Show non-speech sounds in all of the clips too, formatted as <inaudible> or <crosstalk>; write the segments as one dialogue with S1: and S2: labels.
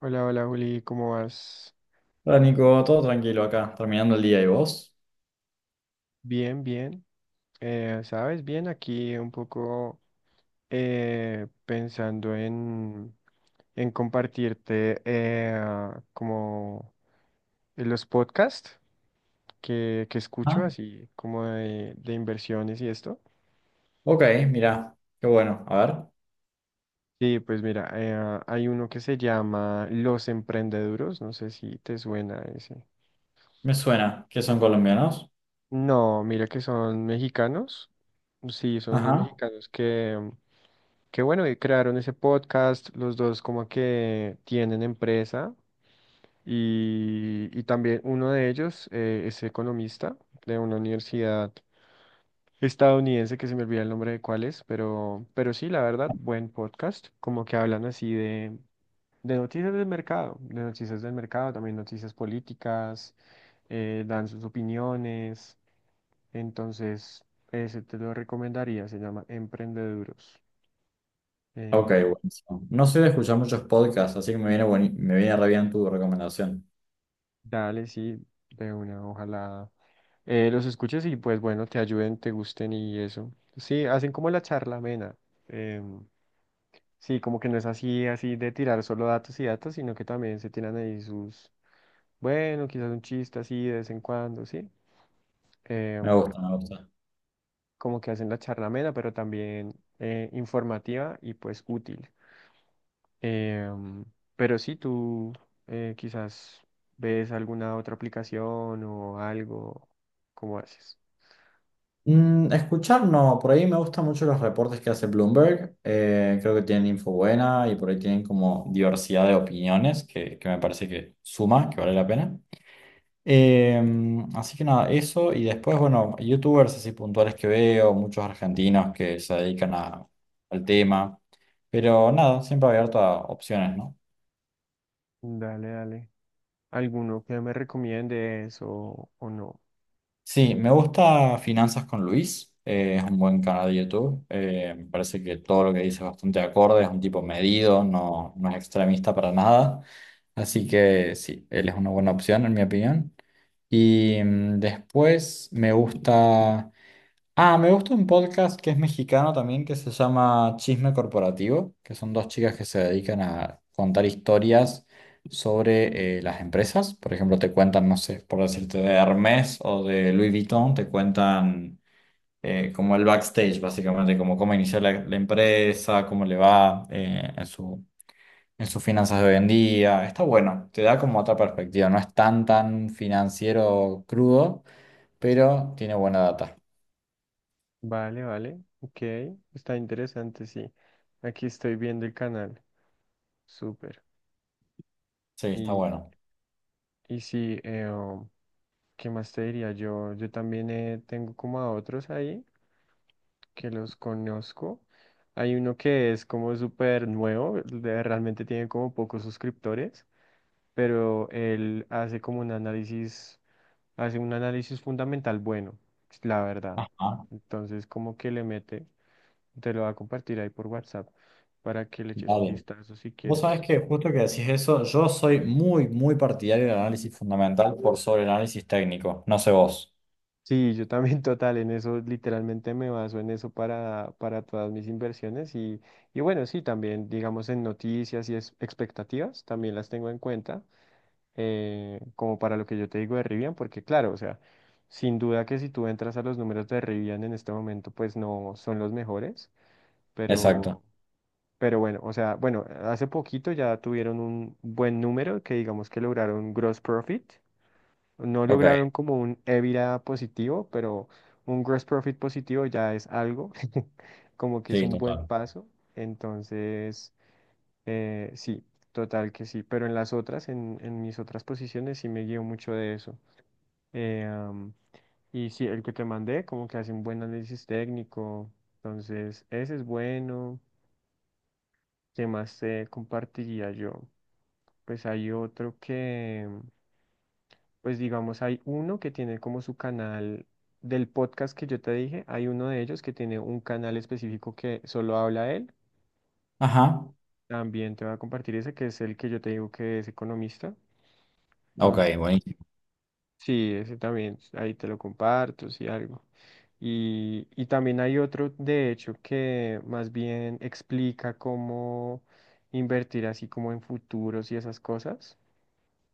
S1: Hola, hola Juli, ¿cómo vas?
S2: Hola Nico, todo tranquilo acá, terminando el día y vos.
S1: Bien, bien. ¿Sabes? Bien, aquí un poco pensando en compartirte como los podcasts que escucho,
S2: Ah,
S1: así como de inversiones y esto.
S2: ok, mirá, qué bueno. A ver,
S1: Sí, pues mira, hay uno que se llama Los Emprendeduros, no sé si te suena ese.
S2: me suena que son colombianos.
S1: No, mira que son mexicanos. Sí, son unos
S2: Ajá.
S1: mexicanos qué bueno que crearon ese podcast, los dos como que tienen empresa y también uno de ellos es economista de una universidad estadounidense que se me olvida el nombre de cuál es, pero sí, la verdad, buen podcast, como que hablan así de noticias del mercado, de noticias del mercado, también noticias políticas, dan sus opiniones, entonces ese te lo recomendaría, se llama Emprendeduros.
S2: Ok,
S1: em,
S2: buenísimo. No soy de escuchar muchos podcasts, así que me viene, me viene re bien tu recomendación.
S1: Dale, sí, de una, ojalá los escuches y pues bueno, te ayuden, te gusten y eso. Sí, hacen como la charla amena. em, sí, como que no es así, así de tirar solo datos y datos, sino que también se tiran ahí sus, bueno, quizás un chiste así de vez en cuando, sí.
S2: Me
S1: em,
S2: gusta, me gusta.
S1: Como que hacen la charla amena, pero también informativa y pues útil. Em, pero sí, tú quizás ves alguna otra aplicación o algo, ¿cómo haces?
S2: Mm, escuchar no, por ahí me gustan mucho los reportes que hace Bloomberg. Creo que tienen info buena y por ahí tienen como diversidad de opiniones que me parece que suma, que vale la pena. Así que nada, eso. Y después, bueno, youtubers así puntuales que veo, muchos argentinos que se dedican al tema. Pero nada, siempre abierto a opciones, ¿no?
S1: Dale, dale. ¿Alguno que me recomiendes o no?
S2: Sí, me gusta Finanzas con Luis. Es un buen canal de YouTube. Me parece que todo lo que dice es bastante acorde, es un tipo medido, no, no es extremista para nada. Así que sí, él es una buena opción, en mi opinión. Y mm, después me gusta. Ah, me gusta un podcast que es mexicano también, que se llama Chisme Corporativo, que son dos chicas que se dedican a contar historias sobre las empresas. Por ejemplo, te cuentan, no sé, por decirte, de Hermes o de Louis Vuitton, te cuentan como el backstage, básicamente, como cómo inició la empresa, cómo le va en en sus finanzas de hoy en día. Está bueno, te da como otra perspectiva, no es tan, tan financiero crudo, pero tiene buena data.
S1: Vale, vale. Ok. Está interesante, sí. Aquí estoy viendo el canal. Súper.
S2: Sí, está
S1: Y,
S2: bueno.
S1: y sí, ¿qué más te diría? Yo también tengo como a otros ahí que los conozco. Hay uno que es como súper nuevo, realmente tiene como pocos suscriptores, pero él hace como un análisis. Hace un análisis fundamental bueno, la verdad.
S2: Ajá.
S1: Entonces, como que le mete, te lo va a compartir ahí por WhatsApp para que le eches un
S2: Dale.
S1: vistazo si
S2: Vos sabés
S1: quieres.
S2: que justo que decís eso, yo soy muy, muy partidario del análisis fundamental por sobre el análisis técnico. No sé vos.
S1: Sí, yo también <laughs> total, en eso literalmente me baso en eso para todas mis inversiones y bueno, sí, también digamos en noticias y expectativas, también las tengo en cuenta, como para lo que yo te digo de Rivian, porque claro, o sea, sin duda que si tú entras a los números de Rivian en este momento, pues no son los mejores
S2: Exacto.
S1: pero Pero bueno, o sea, bueno, hace poquito ya tuvieron un buen número que digamos que lograron gross profit. No
S2: Ok.
S1: lograron como un EBITDA positivo, pero un gross profit positivo ya es algo, <laughs> como que es
S2: Sí,
S1: un buen
S2: total.
S1: paso. Entonces, sí, total que sí. Pero en las otras, en mis otras posiciones, sí me guío mucho de eso. Eh, am, y sí, el que te mandé, como que hace un buen análisis técnico. Entonces, ese es bueno. ¿Qué más te compartiría yo? Pues hay otro que, pues digamos, hay uno que tiene como su canal del podcast que yo te dije, hay uno de ellos que tiene un canal específico que solo habla él.
S2: Ajá.
S1: También te voy a compartir ese, que es el que yo te digo que es economista.
S2: Ok,
S1: Entonces,
S2: buenísimo.
S1: sí, ese también, ahí te lo comparto, si algo. Y también hay otro, de hecho, que más bien explica cómo invertir así como en futuros y esas cosas.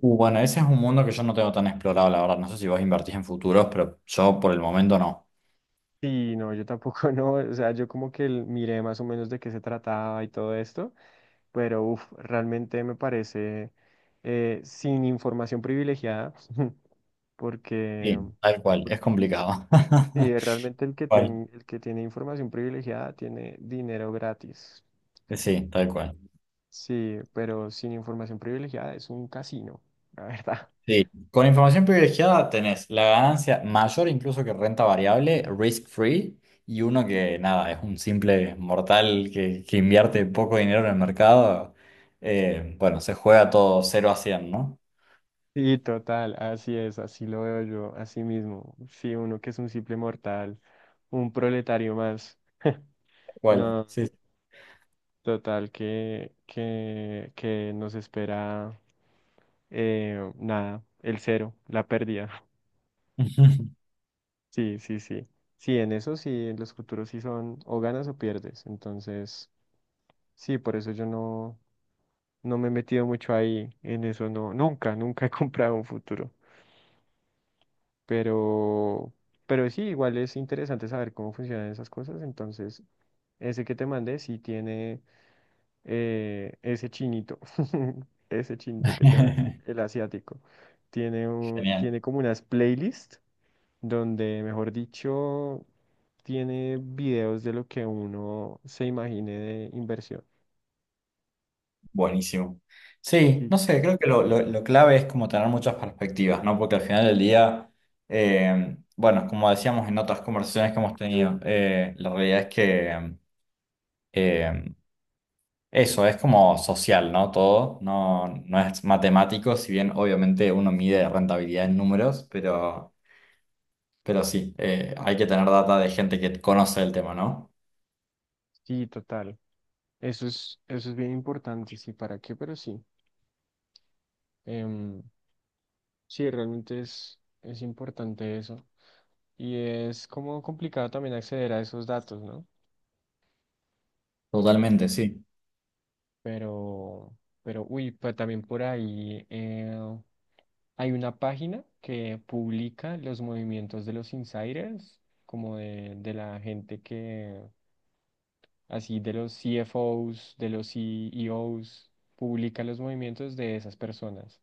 S2: Bueno, ese es un mundo que yo no tengo tan explorado, la verdad. No sé si vos invertís en futuros, pero yo por el momento no.
S1: Sí, no, yo tampoco. <laughs> No, o sea, yo como que miré más o menos de qué se trataba y todo esto, pero uf, realmente me parece sin información privilegiada, <laughs> porque,
S2: Sí, tal cual. Es
S1: porque
S2: complicado. <laughs> Tal
S1: sí, realmente
S2: cual.
S1: el que tiene información privilegiada tiene dinero gratis.
S2: Sí, tal cual.
S1: Sí, pero sin información privilegiada es un casino, <laughs> la verdad.
S2: Sí. Con información privilegiada tenés la ganancia mayor incluso que renta variable, risk free, y uno que nada, es un simple mortal que invierte poco dinero en el mercado. Bueno, se juega todo cero a 100, ¿no?
S1: Sí, total, así es, así lo veo yo, así mismo. Sí, uno que es un simple mortal, un proletario más. <laughs>
S2: Cuál,
S1: No.
S2: sí.
S1: Total que nos espera nada, el cero, la pérdida. <laughs>
S2: <laughs>
S1: Sí, sí, sí. Sí, en eso sí, en los futuros sí son o ganas o pierdes. Entonces, sí, por eso yo no, no me he metido mucho ahí en eso, no, nunca, nunca he <laughs> comprado un futuro. Pero, pero sí, igual es interesante saber cómo funcionan esas cosas. Entonces, ese que te mandé sí tiene. Ese chinito, <laughs> ese chinito que te va, el asiático, tiene,
S2: Genial,
S1: tiene como unas playlists donde, mejor dicho, tiene videos de lo que uno se imagine de inversión.
S2: buenísimo. Sí,
S1: Sí,
S2: no sé, creo que lo clave es como tener muchas perspectivas, ¿no? Porque al final del día, bueno, como decíamos en otras conversaciones que hemos tenido, la realidad es que... em, Eso es como social, ¿no? Todo no, no es matemático, si bien obviamente uno mide rentabilidad en números, pero sí, hay que tener data de gente que conoce el tema, ¿no?
S1: sí, total. Eso es bien importante, sí, ¿para qué? Pero sí. Em, sí, realmente es importante eso. Y es como complicado también acceder a esos datos, ¿no?
S2: Totalmente, sí.
S1: Pero, pero, uy, pues también por ahí hay una página que publica los movimientos de los insiders, como de la gente que, así, de los CFOs, de los CEOs, publica los movimientos de esas personas.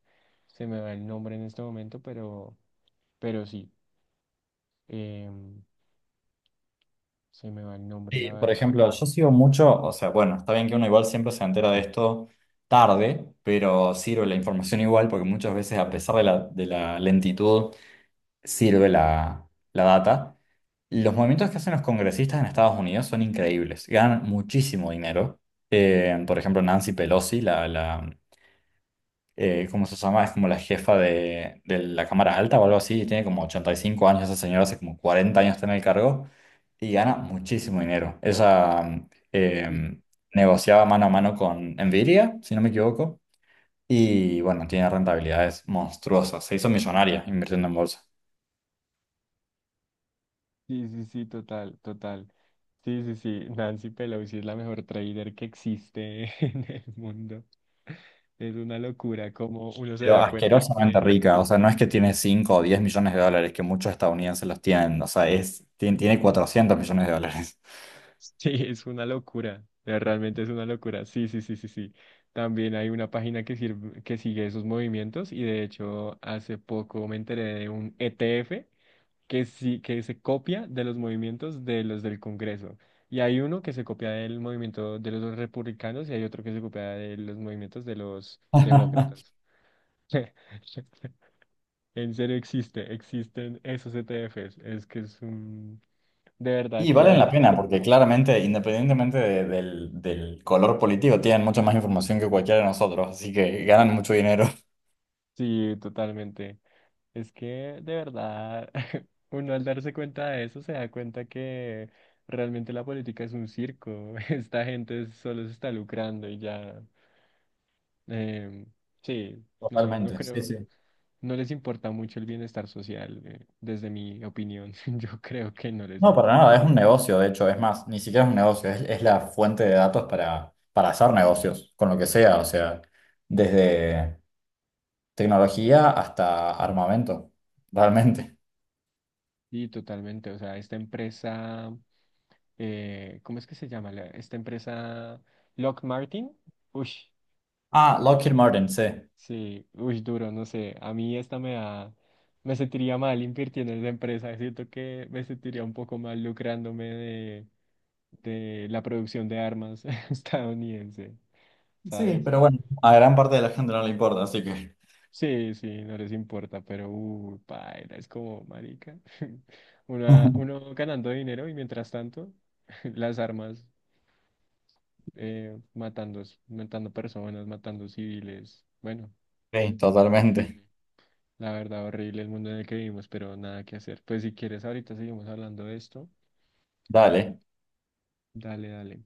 S1: Se me va el nombre en este momento, pero sí, em, se me va el nombre, la
S2: Sí, por
S1: verdad.
S2: ejemplo, yo sigo mucho, o sea, bueno, está bien que uno igual siempre se entera de esto tarde, pero sirve la información igual porque muchas veces a pesar de de la lentitud, sirve la data. Los movimientos que hacen los congresistas en Estados Unidos son increíbles, ganan muchísimo dinero. Por ejemplo, Nancy Pelosi, ¿cómo se llama? Es como la jefa de la Cámara Alta o algo así, y tiene como 85 años esa señora, hace como 40 años está en el cargo y gana muchísimo dinero. Ella negociaba mano a mano con Nvidia, si no me equivoco, y bueno, tiene rentabilidades monstruosas, se hizo millonaria invirtiendo en bolsa.
S1: Sí, sí, sí, total, total. Sí, sí, sí, Nancy Pelosi es la mejor trader que existe <laughs> en el mundo. Es una locura como uno se
S2: Pero
S1: da cuenta
S2: asquerosamente
S1: que
S2: rica, o sea, no es que tiene 5 o 10 millones de dólares, que muchos estadounidenses los tienen, o sea, tiene 400 millones de dólares.
S1: sí, es una locura. Realmente es una locura. Sí, sí, sí, sí, sí. También hay una página que sirve, que sigue esos movimientos y de hecho hace poco me enteré de un ETF que sí, que se copia de los movimientos de los del Congreso. Y hay uno que se copia del movimiento de los republicanos y hay otro que se copia de los movimientos de los demócratas. <laughs> En serio existe, existen esos ETFs. Es que es un... De verdad
S2: Y valen
S1: que...
S2: la pena, porque claramente, independientemente del color político, tienen mucha más información que cualquiera de nosotros, así que ganan mucho dinero.
S1: sí, totalmente. Es que de verdad, <laughs> uno al darse cuenta de eso se da cuenta que realmente la política es un circo. <laughs> Esta gente solo se está lucrando y ya. Eh, sí, no, no
S2: Totalmente, sí,
S1: creo,
S2: sí.
S1: no les importa mucho el bienestar social, desde mi opinión, <laughs> yo creo que no les
S2: No, para
S1: importa.
S2: nada, es un negocio, de hecho, es más, ni siquiera es un negocio, es la fuente de datos para hacer negocios, con lo que sea, o sea, desde tecnología hasta armamento, realmente.
S1: Y totalmente, o sea, esta empresa, ¿cómo es que se llama? Esta empresa Lock Martin, uy,
S2: Ah, Lockheed Martin, sí.
S1: sí, uy, duro, no sé, a mí esta me da, me sentiría mal invirtiendo en esa empresa, siento que me sentiría un poco mal lucrándome de la producción de armas <laughs> estadounidense,
S2: Sí,
S1: ¿sabes?
S2: pero bueno, a gran parte de la gente no le importa, así que...
S1: Sí, sí, no les importa, pero paila, es como marica. <laughs> Una,
S2: <laughs>
S1: uno ganando dinero y mientras tanto, <laughs> las armas matando, matando personas, matando civiles. Bueno,
S2: Sí, totalmente.
S1: horrible. La verdad, horrible el mundo en el que vivimos, pero nada que hacer. Pues si quieres, ahorita seguimos hablando de esto.
S2: Dale.
S1: Dale, dale.